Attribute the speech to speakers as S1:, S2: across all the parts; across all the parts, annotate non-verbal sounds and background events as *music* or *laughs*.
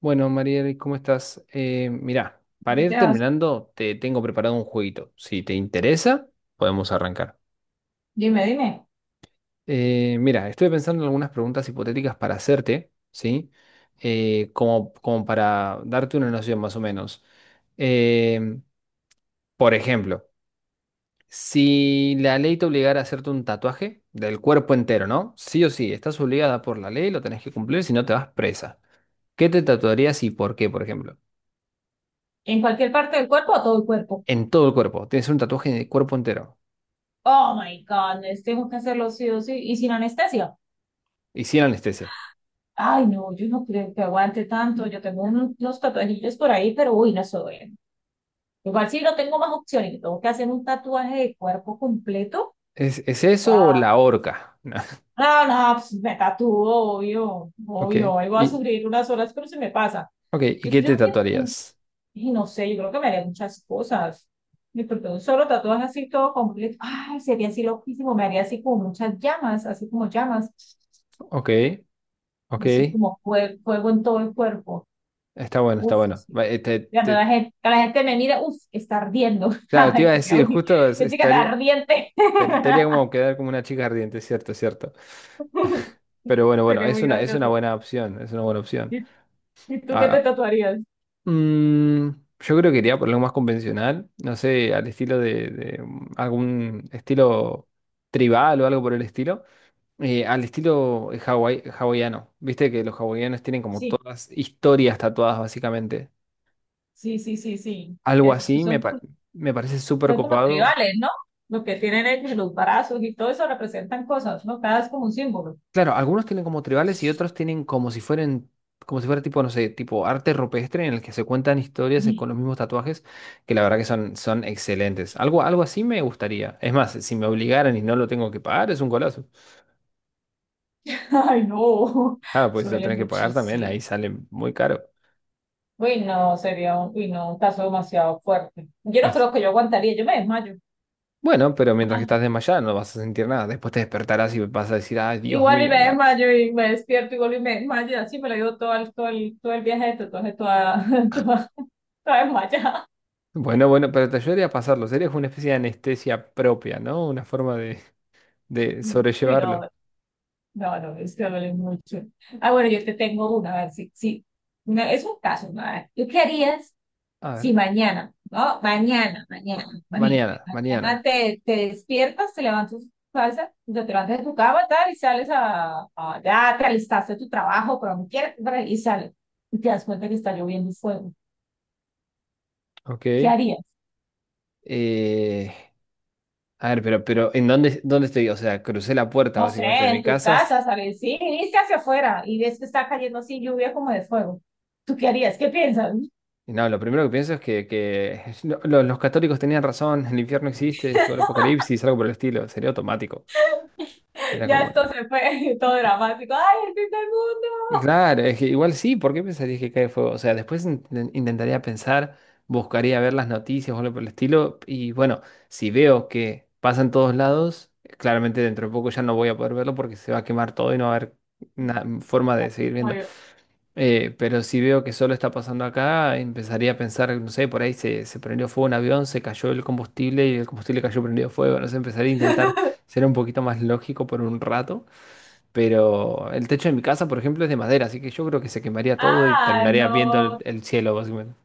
S1: Bueno, Mariel, ¿cómo estás? Mirá, para ir
S2: Sebas.
S1: terminando, te tengo preparado un jueguito. Si te interesa, podemos arrancar.
S2: Dime, dime.
S1: Mira, estoy pensando en algunas preguntas hipotéticas para hacerte, ¿sí? Como para darte una noción más o menos. Em, por ejemplo, si la ley te obligara a hacerte un tatuaje del cuerpo entero, ¿no? Sí o sí, estás obligada por la ley, lo tenés que cumplir, si no te vas presa. ¿Qué te tatuarías y por qué, por ejemplo?
S2: ¿En cualquier parte del cuerpo o todo el cuerpo?
S1: En todo el cuerpo. Tienes un tatuaje en el cuerpo entero
S2: Oh my goodness, tengo que hacerlo sí o sí. ¿Y sin anestesia?
S1: y sin anestesia.
S2: Ay, no, yo no creo que aguante tanto. Yo tengo unos tatuajillos por ahí, pero uy, no soy. Bien. Igual si no tengo más opciones, tengo que hacer un tatuaje de cuerpo completo.
S1: ¿Es
S2: Wow.
S1: eso o la horca? *laughs* No.
S2: No, no, pues me tatúo, obvio,
S1: Ok.
S2: obvio. Ahí voy a
S1: Y,
S2: sufrir unas horas, pero se me pasa.
S1: ok, ¿y
S2: Yo
S1: qué
S2: creo
S1: te
S2: que
S1: tatuarías?
S2: y no sé, yo creo que me haría muchas cosas. Me porque un solo tatuaje así todo completo. Ay, sería así loquísimo. Me haría así como muchas llamas.
S1: Ok, ok.
S2: Así como fuego en todo el cuerpo.
S1: Está bueno, está
S2: Uf,
S1: bueno.
S2: sí.
S1: Va,
S2: Cuando la gente, la gente me mira, uf, está ardiendo. *laughs*
S1: claro, te iba
S2: Ay,
S1: a
S2: sería
S1: decir,
S2: muy, es que está
S1: estaría,
S2: ardiente.
S1: te haría como quedar como una chica ardiente, cierto, cierto.
S2: *laughs*
S1: Pero bueno, bueno,
S2: Sería muy
S1: es una
S2: gracioso.
S1: buena opción, es una buena opción.
S2: ¿Y, y tú qué te
S1: Ah,
S2: tatuarías?
S1: ah, mm, yo creo que iría por algo más convencional, no sé, al estilo de algún estilo tribal o algo por el estilo. Al estilo hawaiano. Viste que los hawaianos tienen como
S2: Sí,
S1: todas historias tatuadas, básicamente.
S2: sí, sí, sí, sí.
S1: Algo
S2: Es,
S1: así me,
S2: son
S1: pa- Me parece súper
S2: son como
S1: copado.
S2: tribales, ¿no? Lo que tienen ellos, los brazos y todo eso representan cosas, ¿no? Cada es como un símbolo.
S1: Claro, algunos tienen como tribales y otros tienen como si fueran, como si fuera tipo, no sé, tipo arte rupestre en el que se cuentan historias
S2: *laughs*
S1: con los mismos tatuajes, que la verdad que son, son excelentes. Algo, algo así me gustaría. Es más, si me obligaran y no lo tengo que pagar, es un golazo.
S2: Ay, no,
S1: Ah, pues si lo
S2: suele
S1: tenés que pagar también, ahí
S2: muchísimo.
S1: sale muy caro.
S2: Uy, no, sería un, uy, no, un caso demasiado fuerte. Yo no creo que
S1: *laughs*
S2: yo aguantaría, yo me desmayo.
S1: Bueno, pero mientras que
S2: Ah,
S1: estás desmayada no vas a sentir nada. Después te despertarás y vas a decir, ay, Dios
S2: Igual y
S1: mío.
S2: me
S1: Me da-".
S2: desmayo y me despierto, igual y me desmayo, y así me lo llevo todo el viaje, entonces toda, *laughs* toda, toda desmayada.
S1: Bueno, bueno, pero te ayudaría a pasarlo. Sería como una especie de anestesia propia, ¿no? Una forma de
S2: Uy, no,
S1: sobrellevarlo.
S2: no, no, es que duele mucho. Ah, bueno, yo te tengo una, a ver si, si, una, es un caso, ¿no? A ver, ¿tú qué harías?
S1: A
S2: Sí,
S1: ver,
S2: mañana, ¿no? Mañana,
S1: ma-
S2: mañana, imagínate.
S1: mañana,
S2: Mañana
S1: mañana.
S2: te, te despiertas, te levantas, salsa, te levantas de tu cama, tal, y sales a, ya te alistaste tu trabajo, pero no quieres, bra, y sales. Y te das cuenta que está lloviendo fuego. ¿Qué
S1: Ok.
S2: harías?
S1: Eh, a ver, pero ¿en dónde, dónde estoy? O sea, crucé la puerta
S2: No sé,
S1: básicamente de mi
S2: en tu
S1: casa. S-
S2: casa, sales, sí, viniste hacia afuera y ves que está cayendo así lluvia como de fuego. ¿Tú qué harías? ¿Qué piensas? *laughs*
S1: Y no, lo primero que pienso es que *laughs* los católicos tenían razón, el infierno existe, llegó el apocalipsis, algo por el estilo. Sería automático. Era
S2: Ya
S1: como,
S2: esto se fue, *laughs* todo dramático. ¡Ay, el fin del mundo!
S1: claro, es que igual sí, ¿por qué pensarías que cae fuego? O sea, después intentaría pensar, buscaría ver las noticias o algo por el estilo, y bueno, si veo que pasa en todos lados, claramente dentro de poco ya no voy a poder verlo porque se va a quemar todo y no va a haber forma de seguir viendo. Pero si veo que solo está pasando acá, empezaría a pensar, no sé, por ahí se prendió fuego un avión, se cayó el combustible y el combustible cayó prendido fuego, no sé, empezaría a intentar
S2: *laughs*
S1: ser un poquito más lógico por un rato. Pero el techo de mi casa, por ejemplo, es de madera, así que yo creo que se quemaría todo y
S2: Ah,
S1: terminaría viendo
S2: no,
S1: el cielo, básicamente.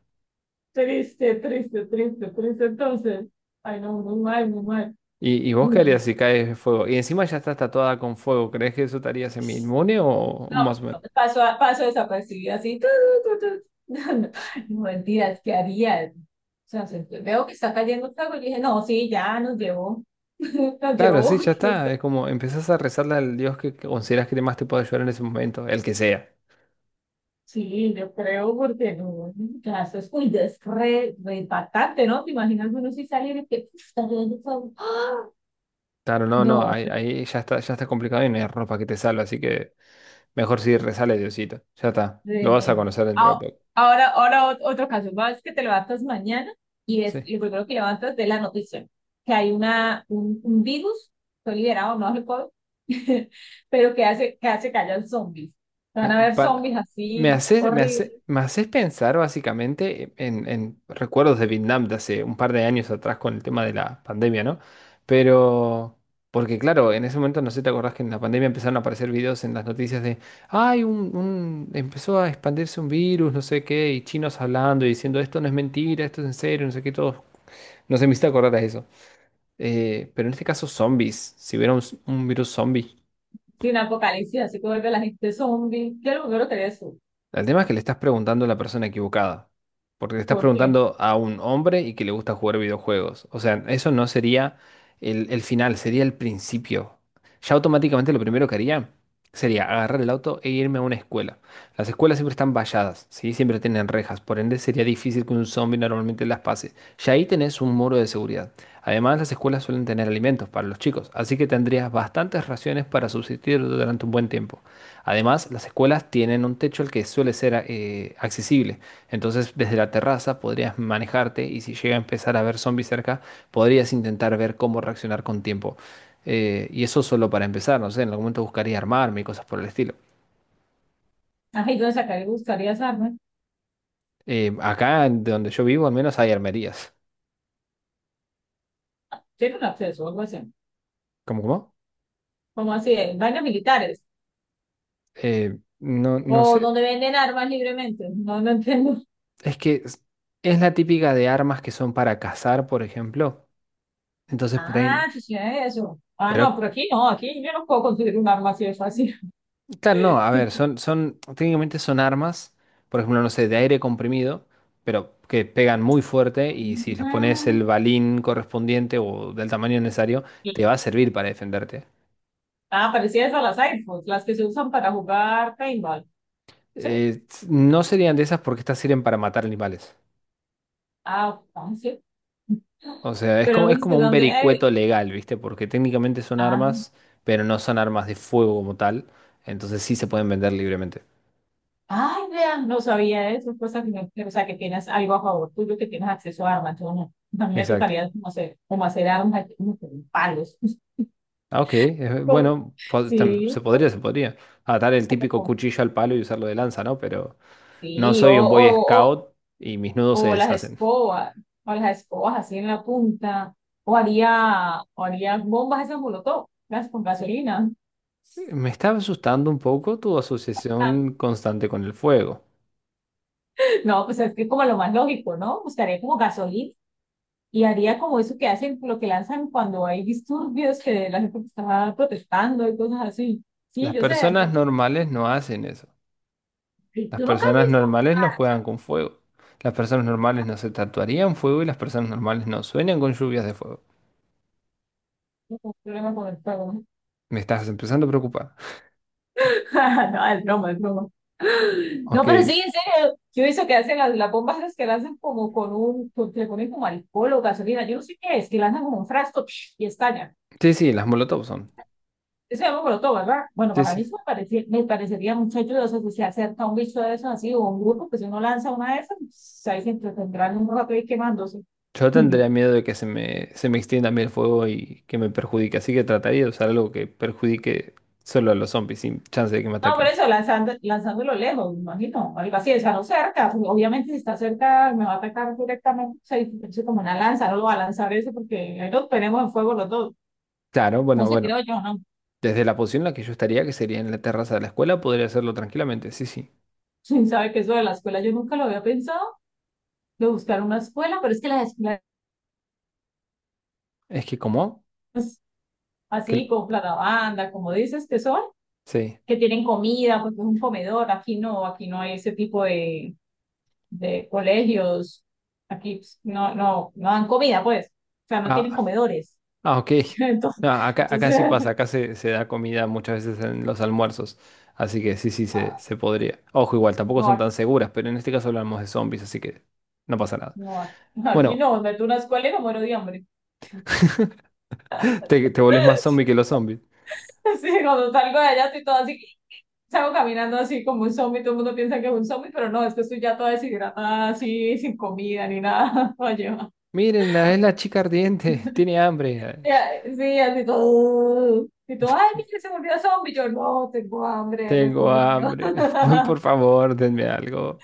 S2: triste, triste, triste, triste. Entonces, ay, no, muy mal, muy mal.
S1: Y vos
S2: No,
S1: qué harías si caes de fuego? Y encima ya estás tatuada con fuego, ¿crees que eso te haría semi-inmune o más o menos?
S2: paso, paso desapercibido así. Tu, tu, tu, tu. *laughs* No, no, no, mentiras, ¿qué harías? O sea, se, veo que está cayendo fuego y dije, no, sí, ya nos llevó. *laughs* Nos
S1: Claro, sí,
S2: llevó.
S1: ya
S2: Nos.
S1: está. Es como empezás a rezarle al Dios que consideras que más te puede ayudar en ese momento, el que sea.
S2: Sí, yo creo, porque no, ya eso es muy des, re, re impactante, ¿no? Te imaginas uno si salir y que "Uf, está cayendo fuego. ¡Ah!".
S1: Claro, no, no,
S2: No.
S1: ahí, ahí ya está complicado y no hay ropa que te salve, así que mejor si rezale a Diosito. Ya está, lo
S2: Sí,
S1: vas a
S2: no.
S1: conocer dentro de
S2: Ah,
S1: poco.
S2: ahora, ahora otro caso, vas que te levantas mañana y es
S1: Sí.
S2: lo primero que levantas de la noticia, que hay un virus, fue liberado, no recuerdo, *laughs* pero que hace que hayan zombies. Van
S1: Eh,
S2: a haber zombies
S1: pa- Me
S2: así,
S1: haces, me hace,
S2: horribles,
S1: me haces pensar básicamente en recuerdos de Vietnam de hace un par de años atrás con el tema de la pandemia, ¿no? Pero, porque claro, en ese momento no sé, ¿te acordás que en la pandemia empezaron a aparecer videos en las noticias de, ay, empezó a expandirse un virus, no sé qué, y chinos hablando y diciendo, esto no es mentira, esto es en serio, no sé qué, todo. No sé, me hiciste acordar a eso. Pero en este caso, zombies, si hubiera un virus zombie.
S2: sin apocalipsis, así que vuelve la gente zombie. Yo lo primero que haría es eso,
S1: El tema es que le estás preguntando a la persona equivocada, porque le estás
S2: porque,
S1: preguntando a un hombre y que le gusta jugar videojuegos. O sea, eso no sería el final, sería el principio. Ya automáticamente lo primero que haría sería agarrar el auto e irme a una escuela. Las escuelas siempre están valladas, ¿sí? Siempre tienen rejas, por ende sería difícil que un zombie normalmente las pase. Ya ahí tenés un muro de seguridad. Además, las escuelas suelen tener alimentos para los chicos, así que tendrías bastantes raciones para subsistir durante un buen tiempo. Además, las escuelas tienen un techo al que suele ser accesible, entonces desde la terraza podrías manejarte y si llega a empezar a ver zombies cerca, podrías intentar ver cómo reaccionar con tiempo. Y eso solo para empezar, no sé, en algún momento buscaría armarme y cosas por el estilo.
S2: ajá, ¿y dónde sacar y buscarías armas?
S1: Acá, de donde yo vivo, al menos hay armerías.
S2: Tiene un acceso o algo así,
S1: ¿Cómo, cómo?
S2: como así, en vainas militares,
S1: Eh, no, no
S2: o
S1: sé,
S2: donde venden armas libremente, no, no entiendo.
S1: es que es la típica de armas que son para cazar, por ejemplo. Entonces, por ahí-
S2: Ah, sí, sí, eso. Ah, no,
S1: pero
S2: pero aquí no, aquí yo no puedo conseguir un arma así de fácil.
S1: claro, no, a ver,
S2: *laughs*
S1: son, son, técnicamente son armas, por ejemplo, no sé, de aire comprimido, pero que pegan muy fuerte y si les pones
S2: Ah,
S1: el balín correspondiente o del tamaño necesario,
S2: sí.
S1: te va a servir para defenderte.
S2: Ah, parecidas a las iPhones, las que se usan para jugar paintball. ¿Sí?
S1: No serían de esas porque estas sirven para matar animales.
S2: Ah, ah, sí.
S1: O sea,
S2: Pero no
S1: es
S2: dices
S1: como
S2: de
S1: un
S2: dónde.
S1: vericueto legal, ¿viste? Porque técnicamente son
S2: Ah,
S1: armas, pero no son armas de fuego como tal, entonces sí se pueden vender libremente.
S2: ay, vean, no sabía eso. Cosa que no, o sea, que tienes algo a favor tuyo, que tienes acceso a armas. Yo no. A mí me
S1: Exacto.
S2: tocaría como hacer armas, aquí, como con palos. *laughs*
S1: Ah, ok. Bueno, se
S2: Sí,
S1: podría,
S2: o-
S1: se podría. Atar el típico
S2: o-
S1: cuchillo al palo y usarlo de lanza, ¿no? Pero no
S2: sí,
S1: soy un Boy Scout y mis nudos se
S2: o las
S1: deshacen.
S2: escobas, o las escobas así en la punta, o haría bombas esas molotov, las con gasolina.
S1: Me está asustando un poco tu asociación
S2: *laughs*
S1: constante con el fuego.
S2: No, pues es que como lo más lógico, ¿no? Buscaría como gasolina y haría como eso que hacen, lo que lanzan cuando hay disturbios, que la gente está protestando y cosas así. Sí,
S1: Las
S2: yo sé, no,
S1: personas normales no hacen eso. Las
S2: tú nunca has
S1: personas
S2: visto
S1: normales no juegan con fuego. Las personas normales no se tatuarían fuego y las personas normales no sueñan con lluvias de fuego.
S2: un problema con el fuego.
S1: Me estás empezando a preocupar.
S2: *laughs* No, es broma, es broma. No,
S1: Ok.
S2: pero sí, en serio, yo he visto que hacen las bombas esas que lanzan como con un, con, que le ponen como alcohol o gasolina, yo no sé qué es, que lanzan como un frasco psh, y estalla.
S1: Sí, sí, las molotov son.
S2: Eso es molotov, ¿verdad? Bueno,
S1: Sí,
S2: para mí
S1: sí.
S2: eso me, parece, me parecería mucho ayudoso si se acerca un bicho de esos así o un grupo que si uno lanza una de esas, pues, ahí se entretendrán un rato ahí quemándose.
S1: Yo tendría
S2: *laughs*
S1: miedo de que se me extienda a mí el fuego y que me perjudique, así que trataría de usar algo que perjudique solo a los zombies, sin chance de que me
S2: No, por
S1: ataquen.
S2: eso, lanzando, lanzándolo lejos, me imagino, algo así, o sea, no cerca, pues, obviamente si está cerca me va a atacar directamente, o sea, es como una lanza, no lo va a lanzar eso porque ahí nos tenemos en fuego los dos.
S1: Claro,
S2: No
S1: bueno,
S2: sé, creo
S1: bueno.
S2: yo, no. *laughs*
S1: Desde la posición en la que yo estaría, que sería en la terraza de la escuela, podría hacerlo tranquilamente, sí, sí.
S2: Sí, sabe que eso de la escuela yo nunca lo había pensado, de buscar una escuela, pero es que las escuelas
S1: Es que, ¿cómo? Que,
S2: así, con banda, como dices, que son,
S1: sí.
S2: que tienen comida, pues es un comedor, aquí no hay ese tipo de colegios, aquí pues, no, no, no dan comida, pues, o sea, no tienen
S1: Ah,
S2: comedores.
S1: ah, ok.
S2: *laughs* Entonces,
S1: No, acá, acá
S2: entonces
S1: sí pasa, acá se da comida muchas veces en los almuerzos, así que sí, sí,
S2: ah,
S1: se podría. Ojo, igual, tampoco
S2: no,
S1: son
S2: aquí
S1: tan seguras, pero en este caso hablamos de zombies, así que no pasa nada.
S2: no, aquí
S1: Bueno.
S2: no, meto una escuela y me muero de hambre. *laughs*
S1: Te volvés más zombie que los zombies.
S2: Sí, cuando salgo de allá estoy toda así. Salgo caminando así como un zombie, todo el mundo piensa que es un zombie, pero no, es que estoy ya toda deshidratada, así, sin comida ni nada. *laughs* Oye, ma.
S1: Mírenla, es la chica ardiente, *laughs* tiene hambre.
S2: Ya, sí, así todo. Y todo, ay, mira, se volvió zombie. Yo no, tengo hambre, no he
S1: Tengo
S2: comido.
S1: hambre. *laughs* Por
S2: *laughs*
S1: favor, denme algo.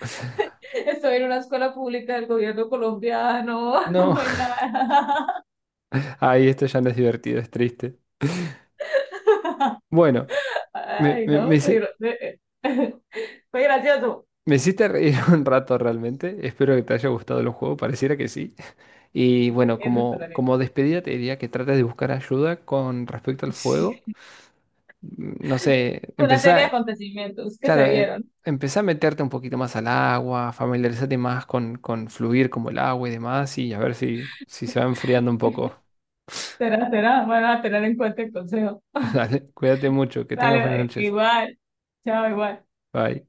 S2: Estoy en una escuela pública del gobierno colombiano, *laughs*
S1: No,
S2: no hay nada.
S1: *laughs* ahí esto ya no es divertido, es triste.
S2: *laughs*
S1: Bueno, me,
S2: Ay,
S1: me, me,
S2: no, pero.
S1: hici-
S2: *laughs* Fue gracioso.
S1: me hiciste reír *laughs* un rato realmente. Espero que te haya gustado el juego, pareciera que sí. Y bueno,
S2: Eso es
S1: como,
S2: una
S1: como despedida te diría que trates de buscar ayuda con respecto al fuego. No sé,
S2: *laughs* una serie de
S1: empezá.
S2: acontecimientos que
S1: Claro,
S2: se dieron.
S1: empezá a meterte un poquito más al agua, familiarizate más con fluir como el agua y demás, y a ver si, si se va enfriando un poco.
S2: Será, será, van a tener en cuenta el consejo.
S1: *laughs* Dale, cuídate mucho, que tengas buenas
S2: Dale,
S1: noches.
S2: igual. Chao, igual.
S1: Bye.